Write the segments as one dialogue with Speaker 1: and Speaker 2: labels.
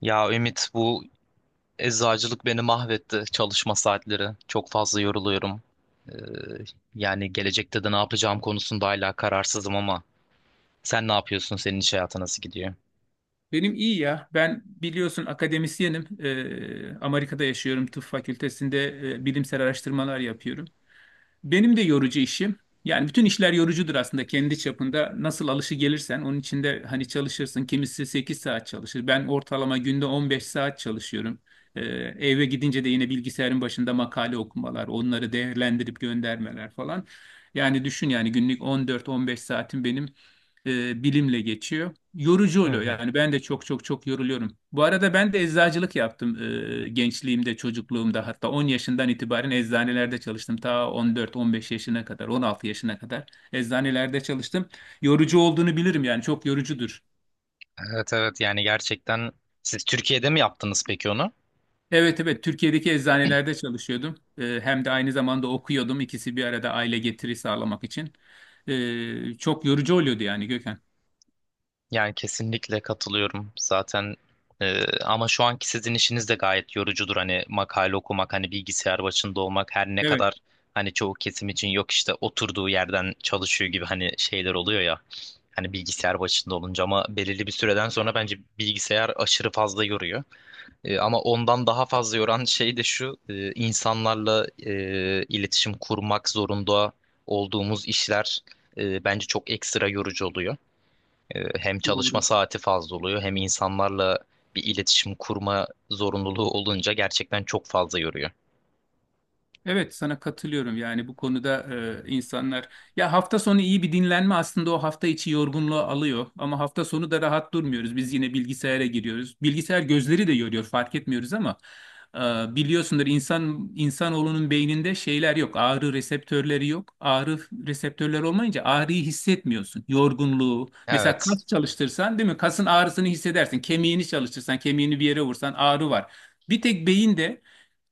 Speaker 1: Ya Ümit bu eczacılık beni mahvetti çalışma saatleri. Çok fazla yoruluyorum. Ee, Yani gelecekte de ne yapacağım konusunda hala kararsızım ama sen ne yapıyorsun? Senin iş hayatı nasıl gidiyor?
Speaker 2: Benim iyi ya. Ben biliyorsun akademisyenim. Amerika'da yaşıyorum. Tıp fakültesinde bilimsel araştırmalar yapıyorum. Benim de yorucu işim. Yani bütün işler yorucudur aslında kendi çapında. Nasıl alışı gelirsen onun içinde hani çalışırsın. Kimisi 8 saat çalışır. Ben ortalama günde 15 saat çalışıyorum. Ee, eve gidince de yine bilgisayarın başında makale okumalar, onları değerlendirip göndermeler falan. Yani düşün yani günlük 14-15 saatim benim bilimle geçiyor yorucu
Speaker 1: Hı
Speaker 2: oluyor.
Speaker 1: hı.
Speaker 2: Yani ben de çok çok çok yoruluyorum. Bu arada ben de eczacılık yaptım gençliğimde, çocukluğumda. Hatta 10 yaşından itibaren eczanelerde çalıştım. Ta 14-15 yaşına kadar, 16 yaşına kadar eczanelerde çalıştım. Yorucu olduğunu bilirim yani çok yorucudur.
Speaker 1: Evet, evet, yani gerçekten siz Türkiye'de mi yaptınız peki onu?
Speaker 2: Evet evet Türkiye'deki eczanelerde çalışıyordum. Hem de aynı zamanda okuyordum. İkisi bir arada aile getiri sağlamak için. Çok yorucu oluyordu yani Gökhan.
Speaker 1: Yani kesinlikle katılıyorum zaten, ama şu anki sizin işiniz de gayet yorucudur, hani makale okumak, hani bilgisayar başında olmak. Her ne
Speaker 2: Evet
Speaker 1: kadar hani çoğu kesim için yok işte oturduğu yerden çalışıyor gibi hani şeyler oluyor ya, hani bilgisayar başında olunca, ama belirli bir süreden sonra bence bilgisayar aşırı fazla yoruyor. Ama ondan daha fazla yoran şey de şu: insanlarla iletişim kurmak zorunda olduğumuz işler bence çok ekstra yorucu oluyor. Hem çalışma
Speaker 2: doğru.
Speaker 1: saati fazla oluyor, hem insanlarla bir iletişim kurma zorunluluğu olunca gerçekten çok fazla yoruyor.
Speaker 2: Evet sana katılıyorum yani bu konuda, insanlar ya hafta sonu iyi bir dinlenme aslında o hafta içi yorgunluğu alıyor ama hafta sonu da rahat durmuyoruz biz yine bilgisayara giriyoruz bilgisayar gözleri de yoruyor fark etmiyoruz ama e, biliyorsundur insan insanoğlunun beyninde şeyler yok ağrı reseptörleri yok ağrı reseptörleri olmayınca ağrıyı hissetmiyorsun yorgunluğu mesela
Speaker 1: Evet.
Speaker 2: kas çalıştırsan değil mi kasın ağrısını hissedersin kemiğini çalıştırsan kemiğini bir yere vursan ağrı var. Bir tek beyinde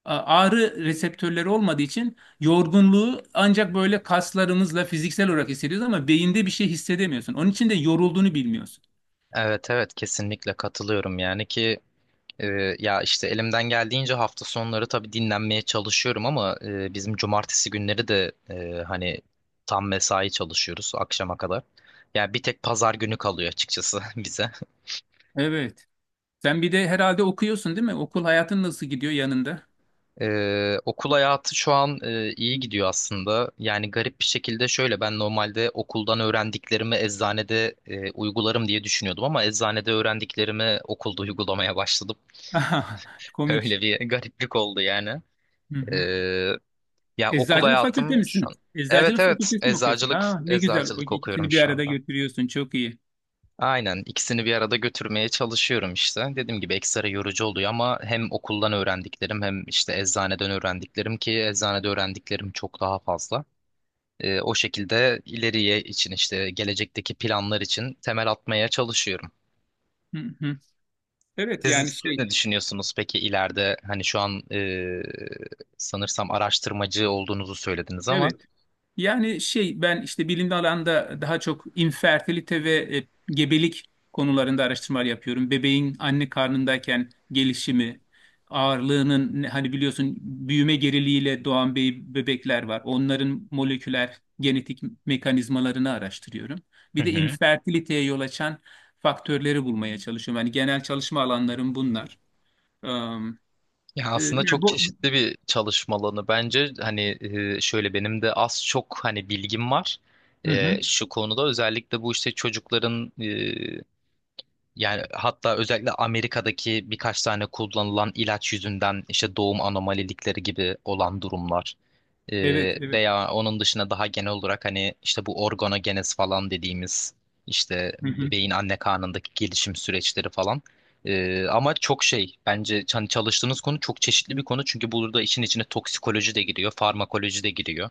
Speaker 2: Ağrı reseptörleri olmadığı için yorgunluğu ancak böyle kaslarımızla fiziksel olarak hissediyoruz ama beyinde bir şey hissedemiyorsun. Onun için de yorulduğunu bilmiyorsun.
Speaker 1: Evet, evet, kesinlikle katılıyorum yani ki. Ya işte elimden geldiğince hafta sonları tabii dinlenmeye çalışıyorum, ama bizim cumartesi günleri de hani tam mesai çalışıyoruz akşama kadar. Yani bir tek pazar günü kalıyor açıkçası bize.
Speaker 2: Evet. Sen bir de herhalde okuyorsun değil mi? Okul hayatın nasıl gidiyor yanında?
Speaker 1: Okul hayatı şu an iyi gidiyor aslında. Yani garip bir şekilde şöyle: ben normalde okuldan öğrendiklerimi eczanede uygularım diye düşünüyordum, ama eczanede öğrendiklerimi okulda uygulamaya başladım.
Speaker 2: Komik.
Speaker 1: Öyle bir gariplik oldu yani.
Speaker 2: Hı hı.
Speaker 1: Ya okul
Speaker 2: Eczacılık fakülte
Speaker 1: hayatım şu
Speaker 2: misin?
Speaker 1: an. Evet,
Speaker 2: Eczacılık
Speaker 1: evet,
Speaker 2: fakültesi mi okuyorsun?
Speaker 1: eczacılık
Speaker 2: Aa, ne güzel. O
Speaker 1: eczacılık okuyorum
Speaker 2: ikisini bir
Speaker 1: şu
Speaker 2: arada
Speaker 1: anda.
Speaker 2: götürüyorsun. Çok iyi.
Speaker 1: Aynen ikisini bir arada götürmeye çalışıyorum işte. Dediğim gibi ekstra yorucu oluyor, ama hem okuldan öğrendiklerim hem işte eczaneden öğrendiklerim, ki eczanede öğrendiklerim çok daha fazla. O şekilde ileriye için işte gelecekteki planlar için temel atmaya çalışıyorum.
Speaker 2: Hı hı. Evet
Speaker 1: Siz,
Speaker 2: yani
Speaker 1: siz
Speaker 2: şey.
Speaker 1: ne düşünüyorsunuz peki ileride, hani şu an sanırsam araştırmacı olduğunuzu söylediniz ama.
Speaker 2: Evet. Yani şey ben işte bilimli alanda daha çok infertilite ve gebelik konularında araştırmalar yapıyorum. Bebeğin anne karnındayken gelişimi, ağırlığının hani biliyorsun büyüme geriliğiyle doğan bebekler var. Onların moleküler genetik mekanizmalarını araştırıyorum.
Speaker 1: Hı
Speaker 2: Bir de
Speaker 1: hı.
Speaker 2: infertiliteye yol açan faktörleri bulmaya çalışıyorum. Yani genel çalışma alanlarım bunlar. Am,
Speaker 1: Ya
Speaker 2: e,
Speaker 1: aslında
Speaker 2: yani
Speaker 1: çok
Speaker 2: bu...
Speaker 1: çeşitli bir çalışma alanı bence, hani şöyle benim de az çok hani bilgim var.
Speaker 2: Hı hı.
Speaker 1: Şu konuda özellikle bu işte çocukların yani hatta özellikle Amerika'daki birkaç tane kullanılan ilaç yüzünden işte doğum anomalilikleri gibi olan durumlar,
Speaker 2: Evet, evet.
Speaker 1: veya onun dışında daha genel olarak hani işte bu organogenez falan dediğimiz işte
Speaker 2: Hı hı.
Speaker 1: bebeğin anne karnındaki gelişim süreçleri falan. Ama çok şey bence, hani çalıştığınız konu çok çeşitli bir konu, çünkü burada işin içine toksikoloji de giriyor, farmakoloji de giriyor.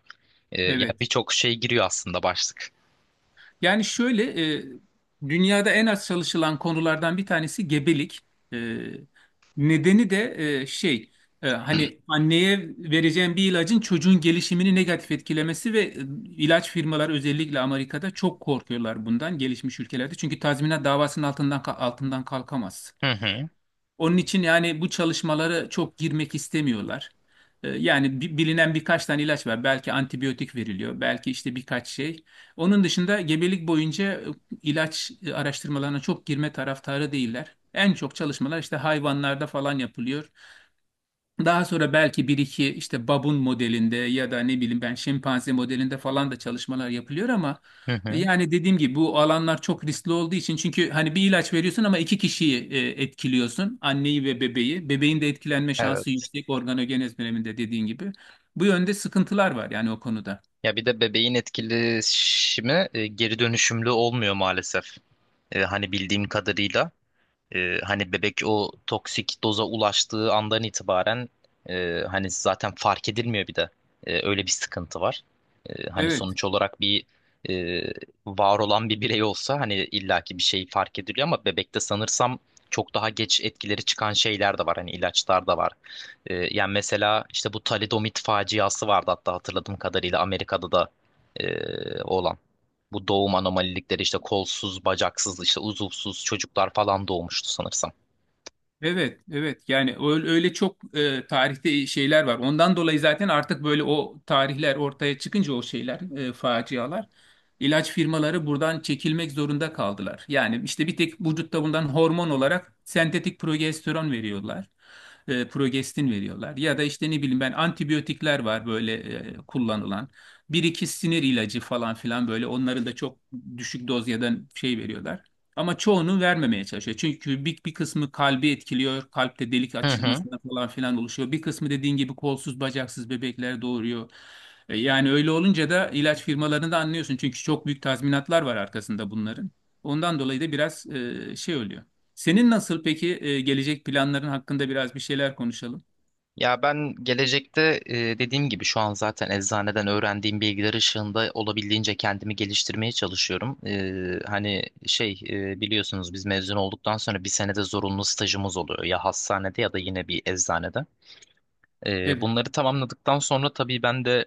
Speaker 1: Yani
Speaker 2: Evet.
Speaker 1: birçok şey giriyor aslında başlık.
Speaker 2: Yani şöyle, dünyada en az çalışılan konulardan bir tanesi gebelik. E, nedeni de e, şey, hani anneye vereceğim bir ilacın çocuğun gelişimini negatif etkilemesi ve ilaç firmaları özellikle Amerika'da çok korkuyorlar bundan gelişmiş ülkelerde. Çünkü tazminat davasının altından altından kalkamaz.
Speaker 1: Hı hı,
Speaker 2: Onun için yani bu çalışmalara çok girmek istemiyorlar. Yani bilinen birkaç tane ilaç var. Belki antibiyotik veriliyor, belki işte birkaç şey. Onun dışında gebelik boyunca ilaç araştırmalarına çok girme taraftarı değiller. En çok çalışmalar işte hayvanlarda falan yapılıyor. Daha sonra belki bir iki işte babun modelinde ya da ne bileyim ben şempanze modelinde falan da çalışmalar yapılıyor ama
Speaker 1: hı hı.
Speaker 2: yani dediğim gibi bu alanlar çok riskli olduğu için çünkü hani bir ilaç veriyorsun ama iki kişiyi etkiliyorsun. Anneyi ve bebeği. Bebeğin de etkilenme şansı
Speaker 1: Evet.
Speaker 2: yüksek organogenez döneminde dediğin gibi. Bu yönde sıkıntılar var yani o konuda.
Speaker 1: Ya bir de bebeğin etkileşimi geri dönüşümlü olmuyor maalesef. Hani bildiğim kadarıyla. Hani bebek o toksik doza ulaştığı andan itibaren hani zaten fark edilmiyor bir de. Öyle bir sıkıntı var. Hani
Speaker 2: Evet.
Speaker 1: sonuç olarak bir e, var olan bir birey olsa hani illaki bir şey fark ediliyor, ama bebekte sanırsam çok daha geç etkileri çıkan şeyler de var. Hani ilaçlar da var. Yani mesela işte bu talidomid faciası vardı, hatta hatırladığım kadarıyla Amerika'da da e, olan. Bu doğum anomalilikleri işte kolsuz, bacaksız, işte uzuvsuz çocuklar falan doğmuştu sanırsam.
Speaker 2: Evet, evet. Yani öyle, öyle çok tarihte şeyler var. Ondan dolayı zaten artık böyle o tarihler ortaya çıkınca o şeyler, facialar, ilaç firmaları buradan çekilmek zorunda kaldılar. Yani işte bir tek vücutta bundan hormon olarak sentetik progesteron veriyorlar. Progestin veriyorlar. Ya da işte ne bileyim ben antibiyotikler var böyle kullanılan. Bir iki sinir ilacı falan filan böyle onları da çok düşük doz ya da şey veriyorlar. Ama çoğunu vermemeye çalışıyor. Çünkü bir kısmı kalbi etkiliyor. Kalpte delik
Speaker 1: Hı hı.
Speaker 2: açılmasına falan filan oluşuyor. Bir kısmı dediğin gibi kolsuz bacaksız bebekler doğuruyor. Yani öyle olunca da ilaç firmalarını da anlıyorsun. Çünkü çok büyük tazminatlar var arkasında bunların. Ondan dolayı da biraz şey oluyor. Senin nasıl peki gelecek planların hakkında biraz bir şeyler konuşalım.
Speaker 1: Ya ben gelecekte dediğim gibi şu an zaten eczaneden öğrendiğim bilgiler ışığında olabildiğince kendimi geliştirmeye çalışıyorum. Hani biliyorsunuz biz mezun olduktan sonra bir senede zorunlu stajımız oluyor ya, hastanede ya da yine bir eczanede.
Speaker 2: Evet,
Speaker 1: Bunları tamamladıktan sonra tabii ben de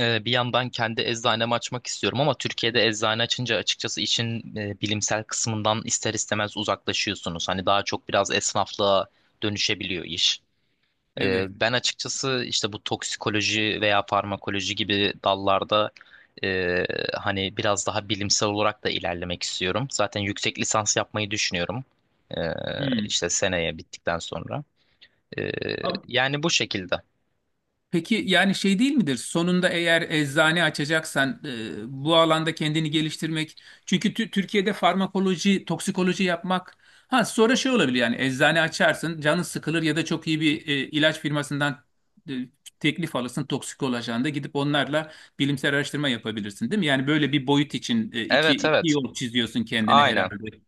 Speaker 1: Bir yandan kendi eczanemi açmak istiyorum, ama Türkiye'de eczane açınca açıkçası işin bilimsel kısmından ister istemez uzaklaşıyorsunuz. Hani daha çok biraz esnaflığa dönüşebiliyor iş.
Speaker 2: evet.
Speaker 1: Ben açıkçası işte bu toksikoloji veya farmakoloji gibi dallarda e, hani biraz daha bilimsel olarak da ilerlemek istiyorum. Zaten yüksek lisans yapmayı düşünüyorum.
Speaker 2: Hmm.
Speaker 1: İşte seneye bittikten sonra. Ee, Yani bu şekilde.
Speaker 2: Peki yani şey değil midir? Sonunda eğer eczane açacaksan bu alanda kendini geliştirmek. Çünkü Türkiye'de farmakoloji, toksikoloji yapmak. Ha sonra şey olabilir yani eczane açarsın, canın sıkılır ya da çok iyi bir ilaç firmasından e, teklif alırsın toksikoloji ajanında gidip onlarla bilimsel araştırma yapabilirsin değil mi? Yani böyle bir boyut için
Speaker 1: Evet,
Speaker 2: iki
Speaker 1: evet.
Speaker 2: yol çiziyorsun kendine
Speaker 1: Aynen.
Speaker 2: herhalde.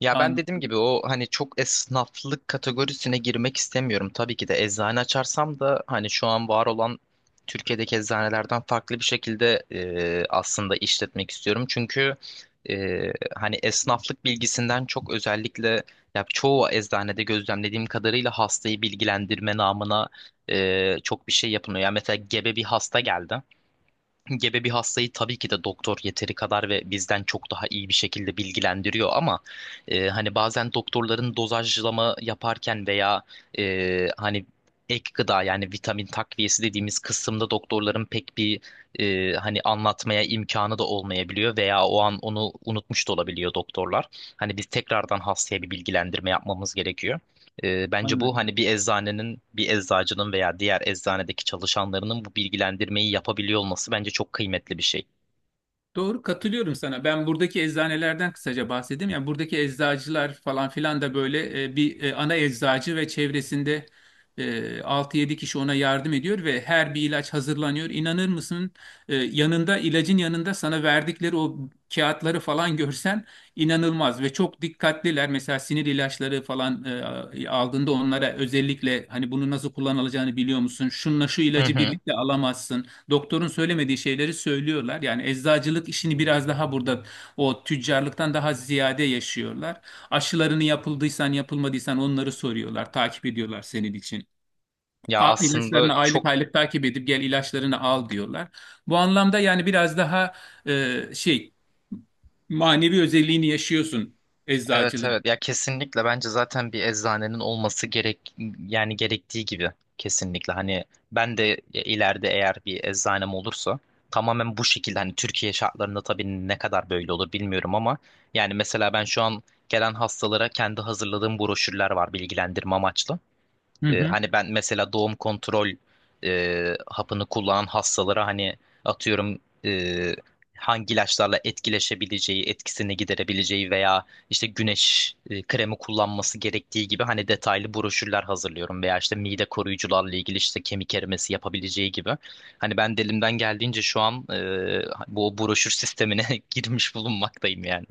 Speaker 1: Ya ben
Speaker 2: An,
Speaker 1: dediğim gibi o hani çok esnaflık kategorisine girmek istemiyorum. Tabii ki de eczane açarsam da hani şu an var olan Türkiye'deki eczanelerden farklı bir şekilde aslında işletmek istiyorum. Çünkü e, hani esnaflık bilgisinden çok özellikle ya çoğu eczanede gözlemlediğim kadarıyla hastayı bilgilendirme namına çok bir şey yapılmıyor. Ya mesela gebe bir hasta geldi. Gebe bir hastayı tabii ki de doktor yeteri kadar ve bizden çok daha iyi bir şekilde bilgilendiriyor, ama hani bazen doktorların dozajlama yaparken veya hani ek gıda yani vitamin takviyesi dediğimiz kısımda doktorların pek bir hani anlatmaya imkanı da olmayabiliyor, veya o an onu unutmuş da olabiliyor doktorlar. Hani biz tekrardan hastaya bir bilgilendirme yapmamız gerekiyor. Bence bu
Speaker 2: anladım.
Speaker 1: hani bir eczanenin, bir eczacının veya diğer eczanedeki çalışanlarının bu bilgilendirmeyi yapabiliyor olması bence çok kıymetli bir şey.
Speaker 2: Doğru katılıyorum sana. Ben buradaki eczanelerden kısaca bahsedeyim. Yani buradaki eczacılar falan filan da böyle ana eczacı ve çevresinde 6-7 kişi ona yardım ediyor ve her bir ilaç hazırlanıyor. İnanır mısın? Yanında ilacın yanında sana verdikleri o kağıtları falan görsen inanılmaz ve çok dikkatliler. Mesela sinir ilaçları falan aldığında onlara özellikle hani bunu nasıl kullanılacağını biliyor musun? Şununla şu
Speaker 1: Hı
Speaker 2: ilacı
Speaker 1: hı.
Speaker 2: birlikte alamazsın. Doktorun söylemediği şeyleri söylüyorlar. Yani eczacılık işini biraz daha burada o tüccarlıktan daha ziyade yaşıyorlar. Aşılarını yapıldıysan yapılmadıysan onları soruyorlar, takip ediyorlar senin için.
Speaker 1: Ya
Speaker 2: A,
Speaker 1: aslında
Speaker 2: ilaçlarını
Speaker 1: çok
Speaker 2: aylık aylık takip edip gel ilaçlarını al diyorlar. Bu anlamda yani biraz daha e, şey manevi özelliğini yaşıyorsun
Speaker 1: evet,
Speaker 2: eczacılığın.
Speaker 1: evet, ya kesinlikle bence zaten bir eczanenin olması gerek, yani gerektiği gibi. Kesinlikle hani ben de ileride eğer bir eczanem olursa tamamen bu şekilde, hani Türkiye şartlarında tabii ne kadar böyle olur bilmiyorum, ama yani mesela ben şu an gelen hastalara kendi hazırladığım broşürler var, bilgilendirme amaçlı.
Speaker 2: Hı hı.
Speaker 1: Hani ben mesela doğum kontrol hapını kullanan hastalara hani atıyorum e, hangi ilaçlarla etkileşebileceği, etkisini giderebileceği, veya işte güneş kremi kullanması gerektiği gibi, hani detaylı broşürler hazırlıyorum, veya işte mide koruyucularla ilgili işte kemik erimesi yapabileceği gibi. Hani ben de elimden geldiğince şu an bu broşür sistemine girmiş bulunmaktayım yani.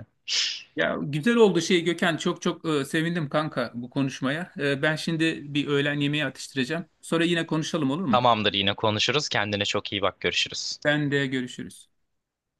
Speaker 2: Ya güzel oldu şey Gökhan çok çok sevindim kanka bu konuşmaya. Ben şimdi bir öğlen yemeği atıştıracağım. Sonra yine konuşalım olur mu?
Speaker 1: Tamamdır, yine konuşuruz. Kendine çok iyi bak. Görüşürüz.
Speaker 2: Ben de görüşürüz.